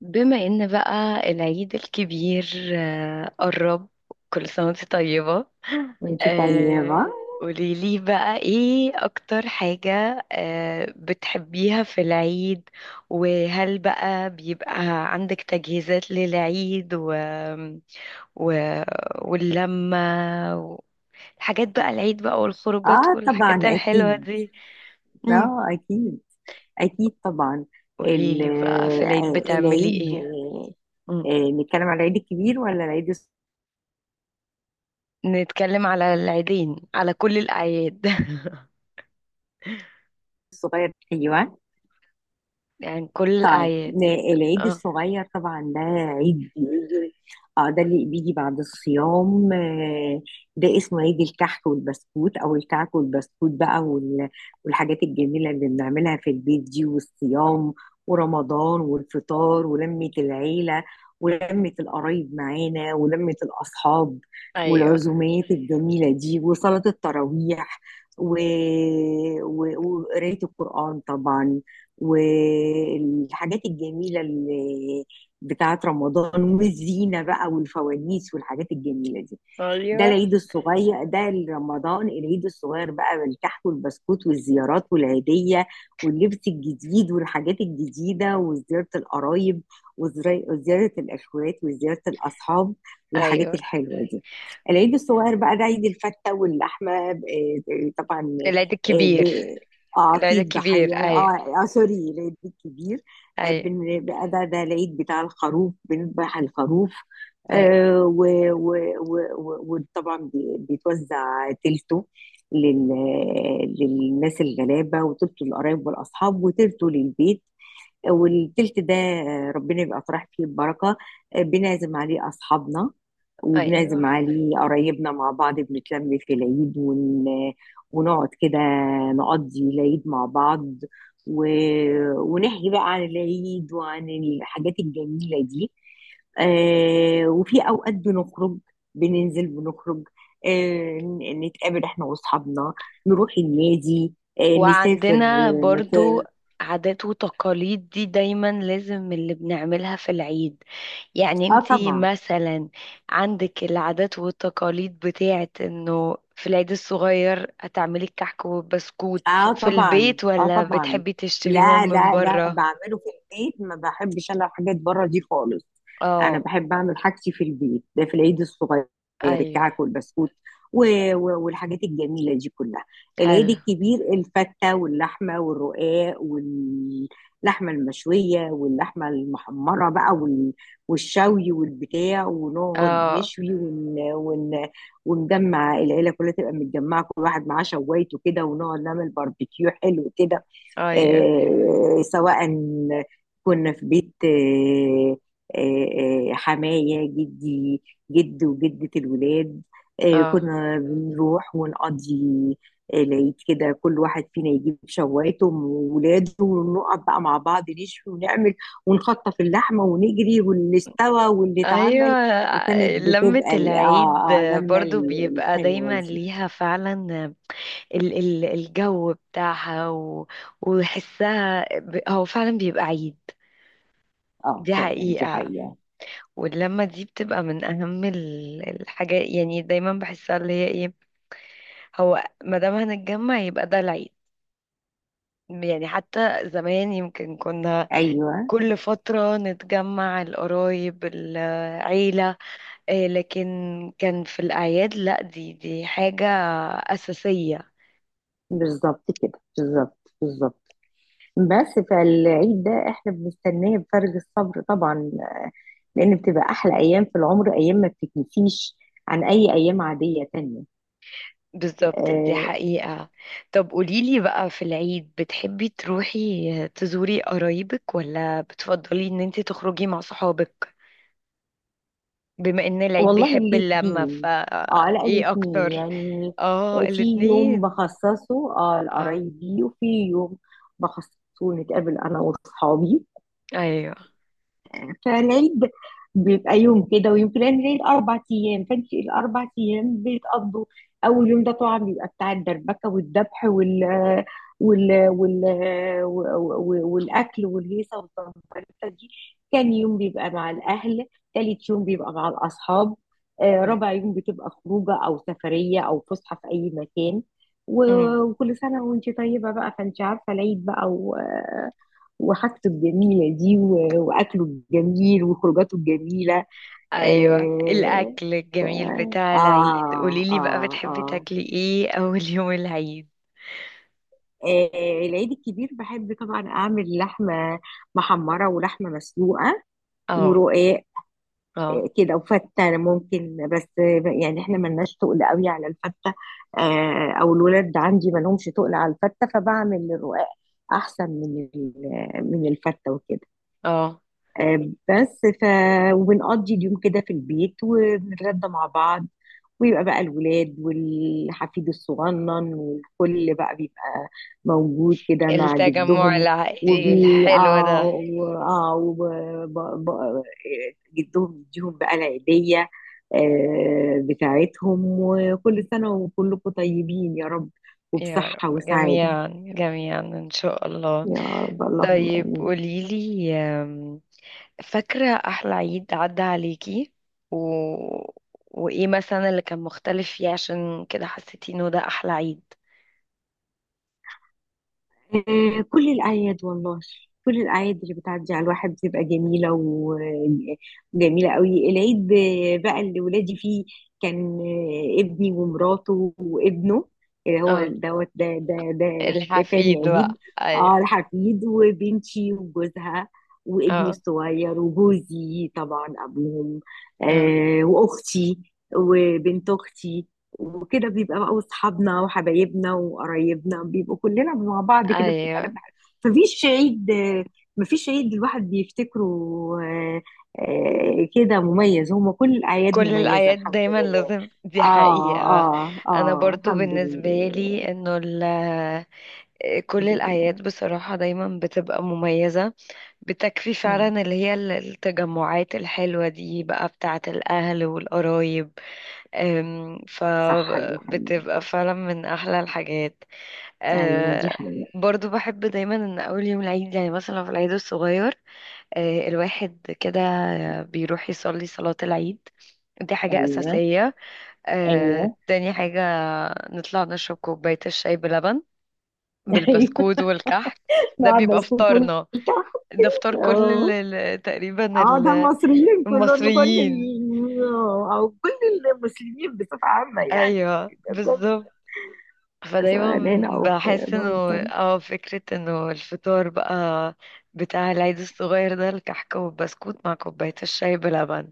بما ان بقى العيد الكبير قرب. كل سنة وانت طيبة. وانتي آه، طيبة. قوليلي بقى ايه اكتر حاجة بتحبيها في العيد؟ وهل بقى بيبقى عندك تجهيزات للعيد و... واللمة، والحاجات بقى العيد بقى، والخروجات اه طبعا والحاجات الحلوة اكيد. دي؟ مم. اه اكيد، اكيد طبعا. ال- قوليلي بقى في العيد بتعملي العيد. ايه؟ نتكلم على العيد الكبير ولا العيد نتكلم على العيدين، على كل الأعياد. الصغير؟ ايوه. يعني كل طيب الأعياد. ن- العيد اه، الصغير طبعا ده عيد بيجي. اه، ده اللي بيجي بعد الصيام. ده اسمه عيد الكحك والبسكوت او الكعك والبسكوت بقى، والحاجات الجميلة اللي بنعملها في البيت دي، والصيام ورمضان والفطار، ولمة العيلة ولمة القرايب معانا ولمة الأصحاب، أيوه، والعزومات الجميلة دي، وصلاة التراويح و- و- وقراية القرآن طبعا، والحاجات الجميلة اللي بتاعت رمضان، والزينة بقى والفوانيس والحاجات الجميلة دي. ده أيوه، العيد الصغير ده. رمضان، العيد الصغير بقى بالكحك والبسكوت والزيارات والعيدية واللبس الجديد والحاجات الجديدة، وزيارة القرايب وزيارة الأخوات وزيارة الأصحاب والحاجات أيوه. الحلوة دي. العيد الصغير بقى ده عيد الفتة واللحمة. طبعا. العيد آه، الكبير، ب- اه، العيد في الضحية. الكبير، أيوه. اه, آه، سوري، العيد الكبير. أيوه، بقى ده العيد بتاع الخروف، بنذبح الخروف. أيوه، آه، و- و- و- و- وطبعا بيتوزع تلته للناس الغلابة، وتلته للقرايب والأصحاب، وتلته للبيت. والتلت ده ربنا يبقى طرح فيه البركة، بنعزم عليه أصحابنا وبنعزم أيوه. عليه قرايبنا، مع بعض بنتلم في العيد ونقعد كده، نقضي العيد مع بعض و... ونحكي بقى عن العيد وعن الحاجات الجميلة دي. آه، وفي اوقات بنخرج، بننزل بنخرج، آه، نتقابل احنا واصحابنا، نروح النادي، آه، نسافر، وعندنا آه، برضو مكان. عادات وتقاليد دي دايما لازم اللي بنعملها في العيد. يعني اه انتي طبعا، مثلا عندك العادات والتقاليد بتاعت انه في العيد الصغير هتعملي الكحك والبسكوت اه في طبعا، البيت اه ولا طبعا. بتحبي لا تشتريهم من لا لا، بره؟ بعمله في البيت. ما بحبش انا الحاجات بره دي خالص. انا اه. بحب اعمل حاجتي في البيت ده، في العيد الصغير ايوه. الكعك والبسكوت و... والحاجات الجميله دي كلها. العيد حلو. الكبير الفته واللحمه والرقاق واللحمه المشويه واللحمه المحمره بقى والشوي والبتاع، ونقعد اه، نشوي ونجمع العيله كلها، تبقى متجمعه كل واحد معاه شوايته كده، ونقعد نعمل باربيكيو حلو كده. ايوه. سواء كنا في بيت، حماية جدي، جد وجدة الولاد، اه، كنا بنروح ونقضي العيد كده. كل واحد فينا يجيب شوايته وولاده، ونقعد بقى مع بعض نشوي ونعمل، ونخطف اللحمة ونجري، واللي استوى واللي ايوه. اتعمل. وكانت لمة بتبقى العيد برضو بيبقى الحلوة دايما دي. ليها فعلا ال الجو بتاعها وحسها، هو فعلا بيبقى عيد. اه دي فعلا، دي حقيقة. حقيقة. واللمة دي بتبقى من أهم الحاجات، يعني دايما بحسها اللي هي ايه. هو ما دام هنتجمع يبقى ده العيد. يعني حتى زمان يمكن كنا ايوه كل فترة نتجمع القرايب العيلة، لكن كان في الأعياد لا، دي حاجة أساسية. بالظبط كده، بالظبط بالظبط. بس فالعيد ده احنا بنستناه بفارغ الصبر طبعا، لان بتبقى احلى ايام في العمر، ايام ما بتتنسيش عن اي ايام عاديه تانية. بالظبط. دي أه. حقيقة. طب قوليلي بقى في العيد بتحبي تروحي تزوري قرايبك ولا بتفضلي ان انت تخرجي مع صحابك؟ بما ان العيد والله بيحب اللمة فا الاثنين، اه على ايه الاثنين اكتر؟ يعني. اه في يوم الاتنين. بخصصه اه اه، لقرايبي، وفي يوم بخصصه نتقابل انا واصحابي. ايوه. فالعيد بيبقى يوم كده ويوم كده. يعني العيد أربع أيام، فأنت الأربع أيام بيتقضوا. أول يوم ده طبعا بيبقى بتاع الدربكة والذبح وال وال وال وال- والأكل والهيصة والزمبرتة دي. تاني يوم بيبقى مع الأهل. تالت يوم بيبقى مع الأصحاب. أيوة. رابع يوم بتبقى خروجة أو سفرية أو فسحة في أي مكان. امم. و- وكل سنة وأنت طيبة بقى. فأنت عارفة العيد بقى وحاجته الجميلة دي، و- وأكله الجميل وخروجاته الجميلة. ايوه آه الاكل ف... الجميل آه, بتاع العيد. آه, قوليلي بقى آه, بتحبي آه تاكلي ايه اول يوم العيد؟ آه، العيد الكبير بحب طبعا أعمل لحمة محمرة ولحمة مسلوقة اه، ورقاق، اه، كده. وفتة ممكن بس، يعني احنا ملناش تقل قوي على الفتة، او الولاد عندي ملهمش تقل على الفتة، فبعمل الرقاق احسن من الفتة وكده. اه. آه، بس ف وبنقضي اليوم كده في البيت، وبنتغدى مع بعض، ويبقى بقى الولاد والحفيد الصغنن والكل بقى بيبقى موجود كده مع التجمع جدهم. العائلي وبي الحلو اه ده. و- آه، وب- ب- ب- جدهم يديهم بقى العيدية بتاعتهم. وكل سنة وكلكم طيبين يا رب، يا وبصحة رب وسعادة. جميعا. جميعا إن شاء الله. يا رب، اللهم طيب آمين. قوليلي فاكرة أحلى عيد عدى عليكي و... وإيه مثلا اللي كان مختلف فيه عشان كده حسيتي إنه ده أحلى عيد؟ كل الأعياد والله، كل الأعياد اللي بتعدي على الواحد بتبقى جميلة وجميلة قوي. العيد بقى اللي ولادي فيه كان، ابني ومراته وابنه اللي هو اه دوت ده، ده تاني الحفيد بقى عيد. أيوه. اه الحفيد، وبنتي وجوزها، وابني اه، الصغير وجوزي طبعا أبوهم، اه، آه وأختي، وبنت أختي. وكده بيبقى بقى اصحابنا وحبايبنا وقرايبنا بيبقوا كلنا مع بعض كده، بتبقى أيوه. لمة حلوة. مفيش عيد، مفيش عيد الواحد بيفتكره آه، كده مميز، هما كل الأعياد كل مميزة الأعياد الحمد دايما لله. لازم. دي اه حقيقة. اه أنا اه، برضو الحمد بالنسبة لي لله. إنه كل الحمد لله. الأعياد بصراحة دايما بتبقى مميزة. بتكفي مم. فعلا اللي هي التجمعات الحلوة دي بقى بتاعة الأهل والقرايب. صح، دي حقيقة. فبتبقى فعلا من أحلى الحاجات. ايوه دي أه، حقيقة. برضو بحب دايما ان اول يوم العيد، يعني مثلا في العيد الصغير، الواحد كده بيروح يصلي صلاة العيد. دي حاجة ايوه. أساسية. ايوه. تاني حاجة نطلع نشرب كوباية الشاي بلبن ايوه. بالبسكوت والكحك. ده نقعد بيبقى نسكت فطارنا. ونكحك. ده فطار كل اه تقريبا اه، ده المصريين كلهم، المصريين. او كل المسلمين بصفة عامة يعني، ايوه بالظبط. فدايما سواء هنا او في بحس انه لندن. اه فكرة انه الفطار بقى بتاع العيد الصغير ده الكحكة والبسكوت مع كوباية الشاي بلبن.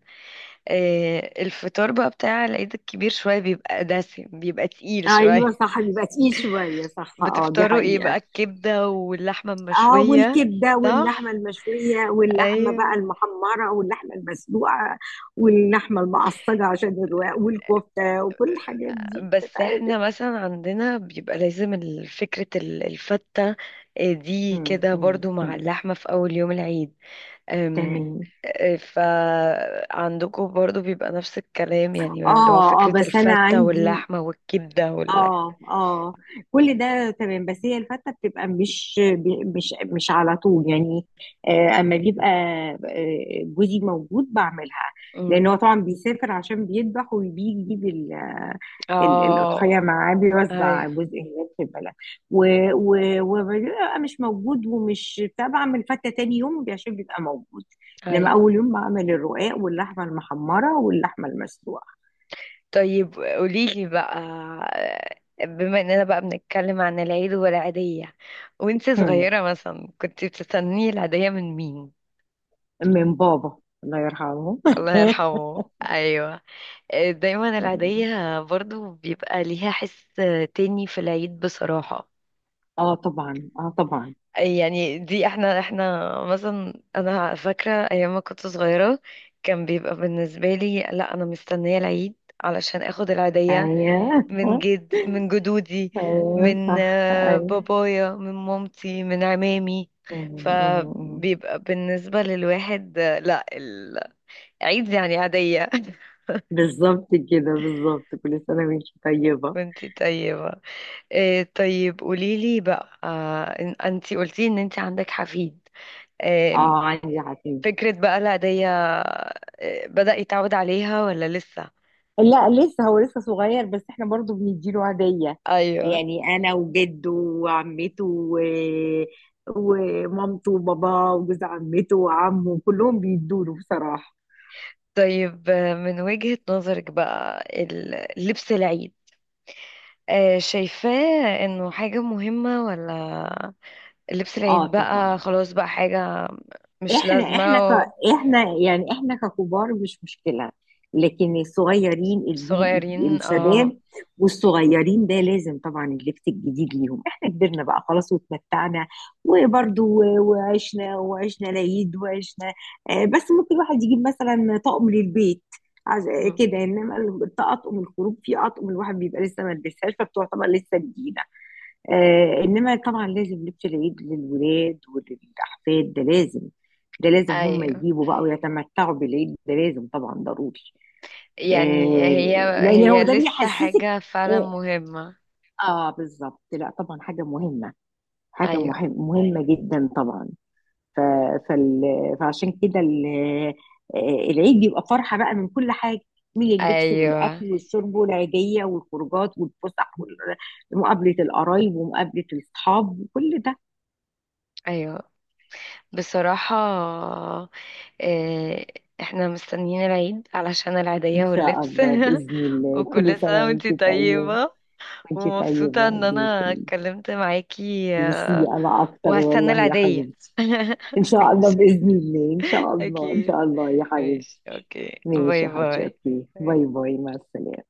إيه الفطار بقى بتاع العيد الكبير؟ شوية بيبقى دسم، بيبقى تقيل شوية. ايوه صح، بيبقى تقيل شويه صح، اه دي بتفطروا ايه حقيقه. بقى؟ الكبدة واللحمة اه، المشوية؟ والكبده واللحمه صح؟ المشويه واللحمه بقى ايوه. المحمره واللحمه المسلوقه واللحمه المعصجه، عشان الرواق والكفته وكل الحاجات دي بس بتتعمل. احنا مثلا عندنا بيبقى لازم الفتة، دي مم، كده مم، برضو مع مم. اللحمة في أول يوم العيد. أم، تمام. آه، فعندكم برضو بيبقى نفس الكلام يعني اللي هو اه اه، فكرة بس انا الفتة عندي، واللحمة والكبدة. اه اه، كل ده تمام. بس هي الفتة بتبقى مش على طول يعني. اما بيبقى جوزي موجود بعملها، مم. لان هو طبعا بيسافر عشان بيذبح وبيجيب اه، الاضحيه معاه، بيوزع ايوه، جزء هناك في البلد، و- و- وبيبقى مش موجود، ومش بتاع بعمل فتة تاني يوم عشان بيبقى موجود. لما ايوه. اول يوم بعمل الرقاق واللحمه المحمره واللحمه المسلوقه. طيب قوليلي بقى، بما اننا بقى بنتكلم عن العيد والعيدية، وانت هم. صغيرة مثلا كنت بتستني العيدية من مين؟ من بابا، الله يرحمه. الله يرحمه. ايوه. دايما العيدية برضو بيبقى ليها حس تاني في العيد بصراحة. اه طبعا، اه طبعا. يعني دي احنا مثلا، انا فاكرة ايام ما كنت صغيرة، كان بيبقى بالنسبة لي لا، انا مستنية العيد علشان اخد العيدية ايوه. من جدودي، ايوه من صح ايوه. بابايا، من مامتي، من عمامي. م. فبيبقى بالنسبة للواحد لا، العيد يعني عادية. بالظبط كده بالظبط، كل سنه وانت طيبه. وانتي طيبة. طيب قوليلي بقى، انت قلتي ان انت عندك حفيد. آه اه عندي حفيد. فكرة بقى العيدية بدأ يتعود عليها ولا لسه؟ لا لسه، هو لسه صغير، بس احنا برضو بنديله هديه. ايوه. يعني انا وجده وعمته ومامته وباباه وجوز عمته وعمه، كلهم بيدوا له بصراحه. طيب، من وجهة نظرك بقى لبس العيد شايفاه انه حاجة مهمة، ولا لبس اه العيد بقى طبعا. خلاص بقى حاجة مش احنا لازمة؟ احنا ك... احنا يعني احنا ككبار مش مشكلة، لكن الصغيرين الجيل صغيرين اه. الشباب والصغيرين ده لازم طبعا اللبس الجديد ليهم. احنا كبرنا بقى خلاص واتمتعنا، وبرضو وعشنا، وعشنا العيد وعشنا. بس ممكن الواحد يجيب مثلا طقم للبيت عز- م. كده. انما الطقم الخروج في اطقم الواحد بيبقى لسه ما لبسهاش، فبتعتبر لسه جديده. آه، انما طبعا لازم لبس العيد للولاد وللاحفاد، ده لازم. ده لازم هم ايوه. يجيبوا بقى ويتمتعوا بالعيد، ده لازم طبعا ضروري. يعني آه، هي لان هو هي ده لسه بيحسسك. حاجة فعلا اه, مهمة. آه بالظبط. لا طبعا حاجه مهمه، حاجه ايوه، مهم مهمه جدا طبعا. ف فال فعشان كده آه، العيد بيبقى فرحه بقى من كل حاجه، من اللبس ايوه، والاكل والشرب والعيديه والخروجات والفسح ومقابله القرايب ومقابله الاصحاب وكل ده. ايوه. بصراحة، آه، احنا مستنيين العيد علشان العيدية إن شاء واللبس. الله بإذن الله، كل وكل سنة سنة وانتي وأنتي طيبة. طيبة. وأنتي ومبسوطة طيبة ان بيك. انا اتكلمت معاكي. ميرسي، أنا أكتر وهستنى والله يا العيدية. حبيبتي. إن شاء الله ماشي. بإذن الله، إن شاء الله إن اكيد. شاء الله يا حبيبتي. ماشي اوكي ماشي باي يا حاجة، باي. أوكي، باي باي، مع السلامة.